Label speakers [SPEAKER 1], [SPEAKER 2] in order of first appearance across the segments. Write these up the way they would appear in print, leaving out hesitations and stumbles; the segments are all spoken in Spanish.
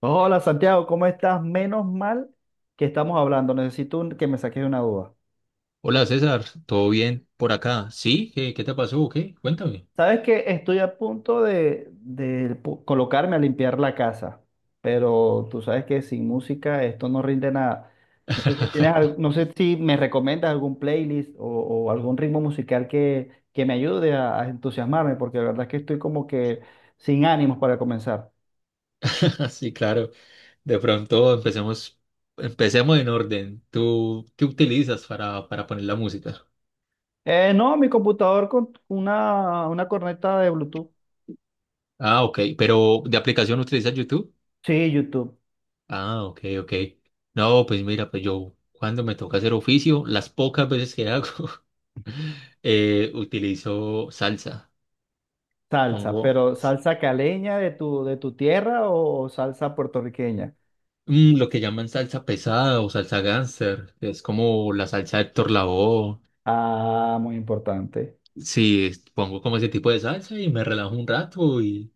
[SPEAKER 1] Hola Santiago, ¿cómo estás? Menos mal que estamos hablando. Necesito que me saques de una duda.
[SPEAKER 2] Hola César, ¿todo bien por acá? ¿Sí? ¿Qué te pasó? ¿Qué? Cuéntame.
[SPEAKER 1] Sabes que estoy a punto de colocarme a limpiar la casa, pero tú sabes que sin música esto no rinde nada. No sé si tienes, no sé si me recomiendas algún playlist o algún ritmo musical que me ayude a entusiasmarme, porque la verdad es que estoy como que sin ánimos para comenzar.
[SPEAKER 2] Sí, claro. De pronto empecemos, empecemos en orden. ¿Tú qué utilizas para poner la música?
[SPEAKER 1] No, mi computador con una corneta de Bluetooth.
[SPEAKER 2] Ah, ok. ¿Pero de aplicación utilizas YouTube?
[SPEAKER 1] Sí, YouTube.
[SPEAKER 2] Ah, ok, ok. No, pues mira, pues yo cuando me toca hacer oficio, las pocas veces que hago, utilizo salsa.
[SPEAKER 1] Salsa,
[SPEAKER 2] Pongo
[SPEAKER 1] pero salsa caleña de tu tierra o salsa puertorriqueña.
[SPEAKER 2] lo que llaman salsa pesada o salsa gánster, que es como la salsa de Héctor Lavoe.
[SPEAKER 1] Ah, muy importante.
[SPEAKER 2] Sí, pongo como ese tipo de salsa y me relajo un rato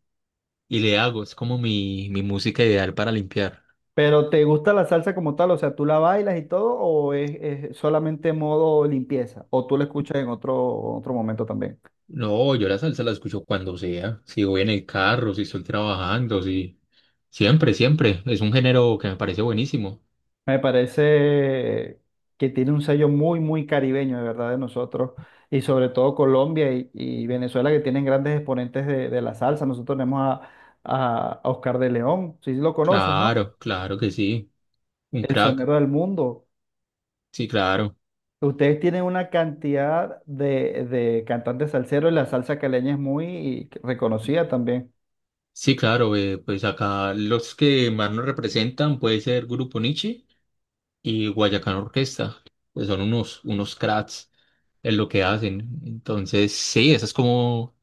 [SPEAKER 2] y le hago. Es como mi música ideal para limpiar.
[SPEAKER 1] Pero ¿te gusta la salsa como tal? O sea, ¿tú la bailas y todo o es solamente modo limpieza? ¿O tú la escuchas en otro momento también?
[SPEAKER 2] No, yo la salsa la escucho cuando sea. Si voy en el carro, si estoy trabajando, si... Siempre, siempre. Es un género que me parece buenísimo.
[SPEAKER 1] Me parece que tiene un sello muy caribeño, de verdad, de nosotros. Y sobre todo Colombia y Venezuela, que tienen grandes exponentes de la salsa. Nosotros tenemos a Oscar de León, si lo conoces, ¿no?
[SPEAKER 2] Claro, claro que sí. Un
[SPEAKER 1] El
[SPEAKER 2] crack.
[SPEAKER 1] sonero del mundo.
[SPEAKER 2] Sí, claro.
[SPEAKER 1] Ustedes tienen una cantidad de cantantes salseros y la salsa caleña es muy reconocida también.
[SPEAKER 2] Sí, claro. Pues acá los que más nos representan puede ser Grupo Niche y Guayacán Orquesta. Pues son unos, unos cracks en lo que hacen. Entonces, sí, esa es como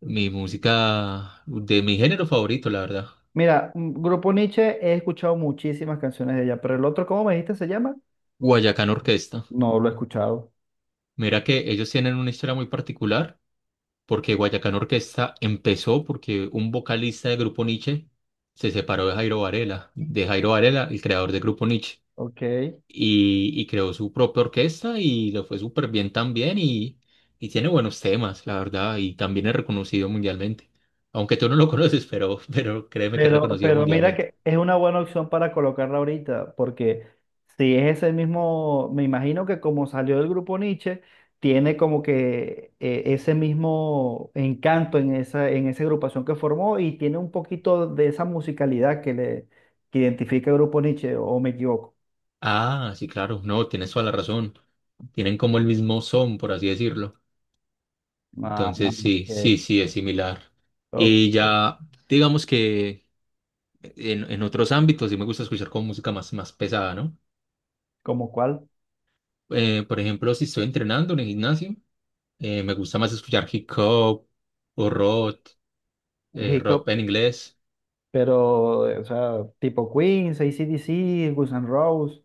[SPEAKER 2] mi música, de mi género favorito, la verdad.
[SPEAKER 1] Mira, Grupo Nietzsche, he escuchado muchísimas canciones de ella, pero el otro, ¿cómo me dijiste se llama?
[SPEAKER 2] Guayacán Orquesta.
[SPEAKER 1] No lo he escuchado.
[SPEAKER 2] Mira que ellos tienen una historia muy particular, porque Guayacán Orquesta empezó porque un vocalista de Grupo Nietzsche se separó de Jairo Varela, el creador de Grupo Nietzsche.
[SPEAKER 1] Ok.
[SPEAKER 2] Y, y creó su propia orquesta y le fue súper bien también y tiene buenos temas, la verdad, y también es reconocido mundialmente. Aunque tú no lo conoces, pero créeme que es reconocido
[SPEAKER 1] Pero mira
[SPEAKER 2] mundialmente.
[SPEAKER 1] que es una buena opción para colocarla ahorita, porque si es ese mismo, me imagino que como salió del grupo Nietzsche, tiene como que ese mismo encanto en en esa agrupación que formó y tiene un poquito de esa musicalidad que identifica el grupo Nietzsche, o me equivoco.
[SPEAKER 2] Ah, sí, claro, no, tienes toda la razón. Tienen como el mismo son, por así decirlo.
[SPEAKER 1] Ah,
[SPEAKER 2] Entonces, sí, sí, sí, es similar.
[SPEAKER 1] ok,
[SPEAKER 2] Y
[SPEAKER 1] ok.
[SPEAKER 2] ya, digamos que en otros ámbitos sí me gusta escuchar como música más, más pesada, ¿no?
[SPEAKER 1] ¿Como cuál?
[SPEAKER 2] Por ejemplo, si estoy entrenando en el gimnasio, me gusta más escuchar hip hop o rock,
[SPEAKER 1] Hip
[SPEAKER 2] rock
[SPEAKER 1] hop,
[SPEAKER 2] en inglés.
[SPEAKER 1] pero, o sea, tipo Queen, AC/DC, Guns N' Roses,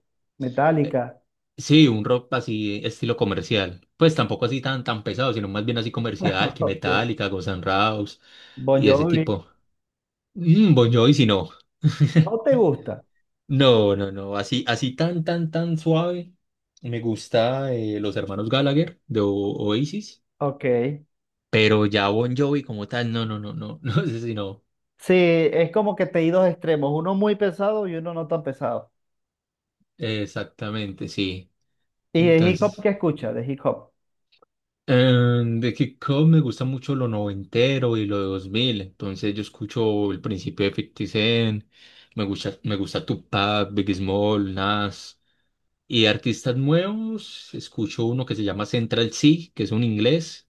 [SPEAKER 2] Eh,
[SPEAKER 1] Metallica.
[SPEAKER 2] sí, un rock así, estilo comercial. Pues tampoco así tan, tan pesado, sino más bien así comercial, que
[SPEAKER 1] Ok.
[SPEAKER 2] Metallica, Guns N' Roses
[SPEAKER 1] Bon
[SPEAKER 2] y ese
[SPEAKER 1] Jovi,
[SPEAKER 2] tipo. Bon Jovi, si no.
[SPEAKER 1] ¿no te gusta?
[SPEAKER 2] No, no, no. Así, así tan, tan, tan suave. Me gusta los hermanos Gallagher de Oasis,
[SPEAKER 1] Ok.
[SPEAKER 2] pero ya Bon Jovi como tal, no, no, no, no, no sé si no.
[SPEAKER 1] Sí, es como que te di dos extremos, uno muy pesado y uno no tan pesado.
[SPEAKER 2] Exactamente, sí.
[SPEAKER 1] ¿Y de hip hop
[SPEAKER 2] Entonces.
[SPEAKER 1] qué escuchas? De hip hop.
[SPEAKER 2] De hip hop me gusta mucho lo noventero y lo de 2000. Entonces yo escucho el principio de 50 Cent, me gusta Tupac, Big Small, Nas, y de artistas nuevos escucho uno que se llama Central C, que es un inglés,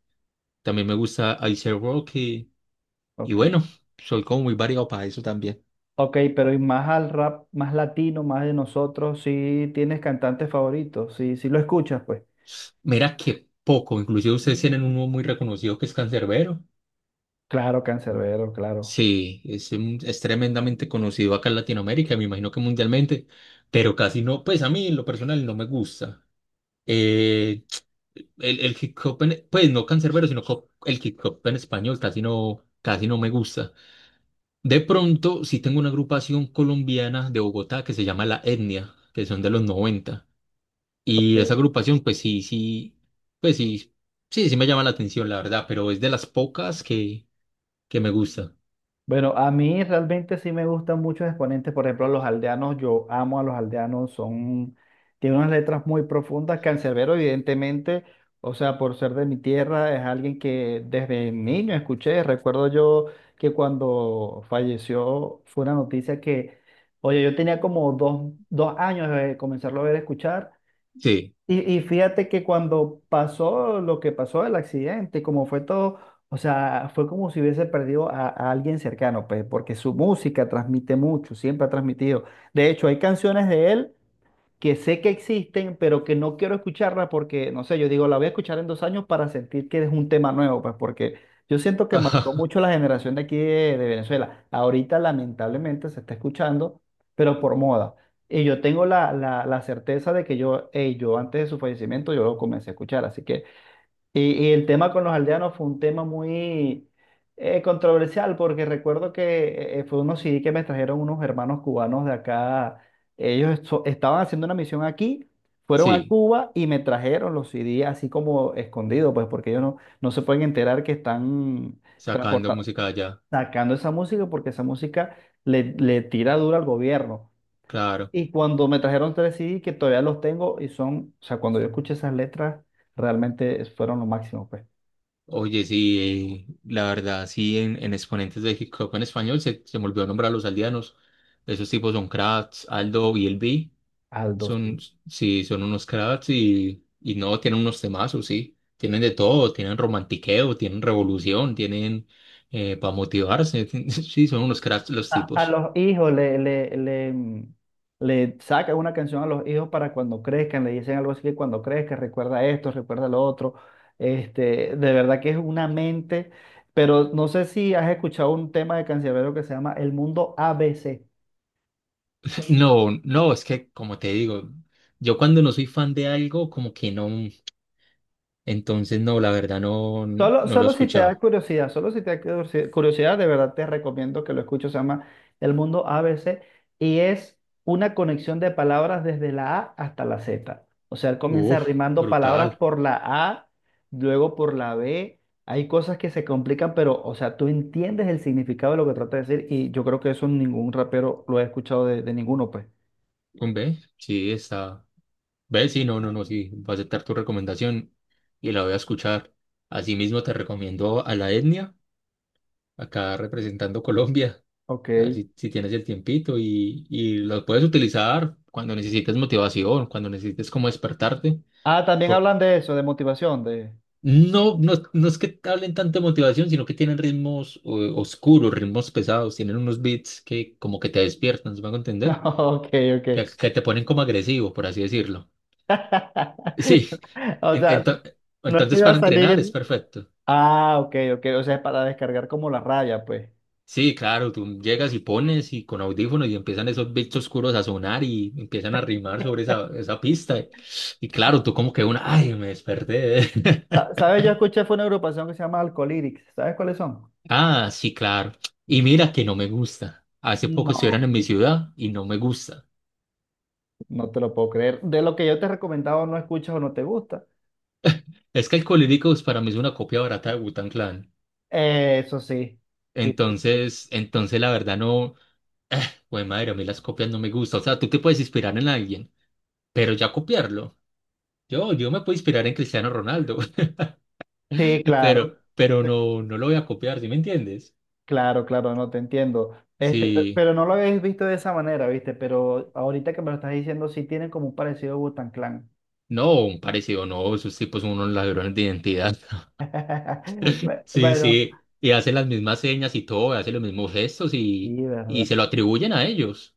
[SPEAKER 2] también me gusta Ice Rocky, y
[SPEAKER 1] Ok.
[SPEAKER 2] bueno, soy como muy variado para eso también.
[SPEAKER 1] Ok, pero y más al rap, más latino, más de nosotros, sí tienes cantantes favoritos, sí, sí lo escuchas, pues.
[SPEAKER 2] Mira que poco, inclusive ustedes tienen uno muy reconocido que es Cancerbero.
[SPEAKER 1] Claro, Canserbero, claro.
[SPEAKER 2] Sí, es tremendamente conocido acá en Latinoamérica, me imagino que mundialmente, pero casi no, pues a mí en lo personal no me gusta. Eh, el hip hop, pues no cancerbero, el hip hop en español casi no me gusta. De pronto, sí tengo una agrupación colombiana de Bogotá que se llama La Etnia, que son de los 90. Y esa
[SPEAKER 1] Ok.
[SPEAKER 2] agrupación, pues sí, sí, sí me llama la atención, la verdad, pero es de las pocas que me gusta.
[SPEAKER 1] Bueno, a mí realmente sí me gustan muchos exponentes, por ejemplo, los aldeanos, yo amo a los aldeanos, son, tienen unas letras muy profundas, Canserbero evidentemente, o sea, por ser de mi tierra, es alguien que desde niño escuché, recuerdo yo que cuando falleció fue una noticia que, oye, yo tenía como dos años de comenzarlo a ver escuchar
[SPEAKER 2] Sí.
[SPEAKER 1] y fíjate que cuando pasó lo que pasó, el accidente, como fue todo, o sea, fue como si hubiese perdido a alguien cercano, pues, porque su música transmite mucho, siempre ha transmitido. De hecho, hay canciones de él que sé que existen, pero que no quiero escucharla porque, no sé, yo digo, la voy a escuchar en dos años para sentir que es un tema nuevo, pues porque yo siento que marcó mucho la generación de aquí de Venezuela. Ahorita lamentablemente se está escuchando, pero por moda. Y yo tengo la certeza de que yo, hey, yo antes de su fallecimiento, yo lo comencé a escuchar, así que... Y el tema con los aldeanos fue un tema muy controversial porque recuerdo que fue unos CD que me trajeron unos hermanos cubanos de acá. Ellos estaban haciendo una misión aquí, fueron a
[SPEAKER 2] Sí,
[SPEAKER 1] Cuba y me trajeron los CD así como escondidos, pues porque ellos no se pueden enterar que están
[SPEAKER 2] sacando
[SPEAKER 1] transportando,
[SPEAKER 2] música de allá,
[SPEAKER 1] sacando esa música porque esa música le tira dura al gobierno.
[SPEAKER 2] claro.
[SPEAKER 1] Y cuando me trajeron tres CD que todavía los tengo y son, o sea, cuando yo escuché esas letras, realmente fueron lo máximo, pues.
[SPEAKER 2] Oye, sí, la verdad, sí, en exponentes de hip hop en español se me olvidó nombrar a los aldeanos. Esos tipos son crats, Aldo y el B.
[SPEAKER 1] Aldo, sí.
[SPEAKER 2] Son, sí, son unos crats y no, tienen unos temazos, sí. Tienen de todo, tienen romantiqueo, tienen revolución, tienen para motivarse. Sí, son unos crats los
[SPEAKER 1] A
[SPEAKER 2] tipos.
[SPEAKER 1] los hijos le le saca una canción a los hijos para cuando crezcan, le dicen algo así que cuando crezcas recuerda esto, recuerda lo otro. Este, de verdad que es una mente, pero no sé si has escuchado un tema de Canserbero que se llama El Mundo A B C.
[SPEAKER 2] No, no, es que como te digo, yo cuando no soy fan de algo, como que no. Entonces, no, la verdad no,
[SPEAKER 1] Solo,
[SPEAKER 2] no lo he
[SPEAKER 1] solo si te da
[SPEAKER 2] escuchado.
[SPEAKER 1] curiosidad, solo si te da curiosi- curiosidad, de verdad te recomiendo que lo escuches. Se llama El Mundo A B C y es una conexión de palabras desde la A hasta la Z. O sea, él comienza
[SPEAKER 2] Uf,
[SPEAKER 1] rimando palabras
[SPEAKER 2] brutal.
[SPEAKER 1] por la A, luego por la B. Hay cosas que se complican, pero, o sea, tú entiendes el significado de lo que trata de decir y yo creo que eso ningún rapero lo he escuchado de ninguno, pues.
[SPEAKER 2] Un B, sí, está. B, sí, no, no, no, sí, voy a aceptar tu recomendación y la voy a escuchar. Asimismo, te recomiendo a La Etnia, acá representando Colombia,
[SPEAKER 1] Ok.
[SPEAKER 2] a ver si tienes el tiempito y lo puedes utilizar cuando necesites motivación, cuando necesites como despertarte,
[SPEAKER 1] Ah, también
[SPEAKER 2] por-
[SPEAKER 1] hablan de eso, de motivación, de...
[SPEAKER 2] no, no, es no es que hablen tanto de motivación, sino que tienen ritmos oscuros, ritmos pesados, tienen unos beats que como que te despiertan, ¿se me a entender?
[SPEAKER 1] Ok, ok.
[SPEAKER 2] Que te ponen como agresivo, por así decirlo. Sí,
[SPEAKER 1] O
[SPEAKER 2] en-
[SPEAKER 1] sea,
[SPEAKER 2] ento-
[SPEAKER 1] no es que
[SPEAKER 2] entonces
[SPEAKER 1] iba
[SPEAKER 2] para
[SPEAKER 1] a
[SPEAKER 2] entrenar
[SPEAKER 1] salir.
[SPEAKER 2] es perfecto.
[SPEAKER 1] Ah, ok, ok. O sea, es para descargar como la raya, pues.
[SPEAKER 2] Sí, claro, tú llegas y pones y con audífonos y empiezan esos beats oscuros a sonar y empiezan a rimar sobre esa, esa pista. Y, claro,
[SPEAKER 1] Sa-
[SPEAKER 2] tú como que una, ay, me desperté.
[SPEAKER 1] ¿Sabes? Yo escuché, fue una agrupación que se llama Alcolytics. ¿Sabes cuáles son?
[SPEAKER 2] Ah, sí, claro. Y mira que no me gusta. Hace poco
[SPEAKER 1] No,
[SPEAKER 2] estuvieron en mi ciudad y no me gusta.
[SPEAKER 1] no te lo puedo creer. De lo que yo te he recomendado, no escuchas o no te gusta.
[SPEAKER 2] Es que Alcohólicos para mí es una copia barata de Wu Clan.
[SPEAKER 1] Eso sí. Sí, sí, sí.
[SPEAKER 2] Entonces la verdad no, güey, madre, a mí las copias no me gustan. O sea, tú te puedes inspirar en alguien, pero ya copiarlo. Yo me puedo inspirar en Cristiano Ronaldo,
[SPEAKER 1] Sí, claro,
[SPEAKER 2] pero no, no lo voy a copiar, ¿sí me entiendes?
[SPEAKER 1] claro, claro, no te entiendo. Este,
[SPEAKER 2] Sí,
[SPEAKER 1] pero no lo habéis visto de esa manera, ¿viste? Pero ahorita que me lo estás diciendo, sí tienen como un parecido Wu-Tang Clan.
[SPEAKER 2] no, un parecido, no, esos tipos son unos ladrones de identidad. Sí,
[SPEAKER 1] Bueno,
[SPEAKER 2] sí, y hace las mismas señas y todo, hace los mismos gestos
[SPEAKER 1] sí,
[SPEAKER 2] y se
[SPEAKER 1] ¿verdad?
[SPEAKER 2] lo atribuyen a ellos.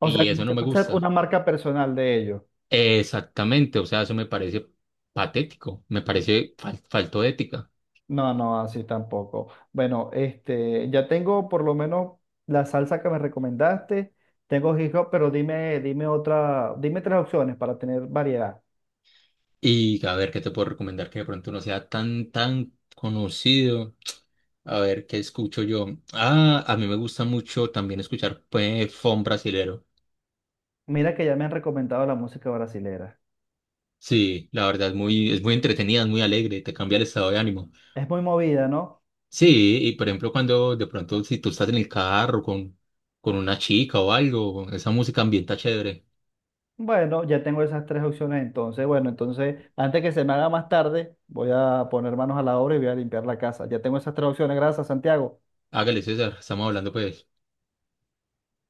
[SPEAKER 1] O sea,
[SPEAKER 2] Y
[SPEAKER 1] como
[SPEAKER 2] eso no
[SPEAKER 1] si
[SPEAKER 2] me
[SPEAKER 1] fuese una
[SPEAKER 2] gusta.
[SPEAKER 1] marca personal de ellos.
[SPEAKER 2] Exactamente, o sea, eso me parece patético, me parece falto de ética.
[SPEAKER 1] No, no, así tampoco. Bueno, este, ya tengo por lo menos la salsa que me recomendaste. Tengo hip hop, pero dime, dime otra, dime tres opciones para tener variedad.
[SPEAKER 2] Y a ver, ¿qué te puedo recomendar que de pronto no sea tan, tan conocido? A ver, ¿qué escucho yo? Ah, a mí me gusta mucho también escuchar pues, funk brasilero.
[SPEAKER 1] Mira que ya me han recomendado la música brasilera.
[SPEAKER 2] Sí, la verdad es muy entretenida, es muy alegre, te cambia el estado de ánimo.
[SPEAKER 1] Es muy movida, ¿no?
[SPEAKER 2] Sí, y por ejemplo, cuando de pronto, si tú estás en el carro con una chica o algo, esa música ambienta chévere.
[SPEAKER 1] Bueno, ya tengo esas tres opciones entonces. Bueno, entonces, antes que se me haga más tarde, voy a poner manos a la obra y voy a limpiar la casa. Ya tengo esas tres opciones. Gracias, Santiago.
[SPEAKER 2] Hágale, César, estamos hablando pues.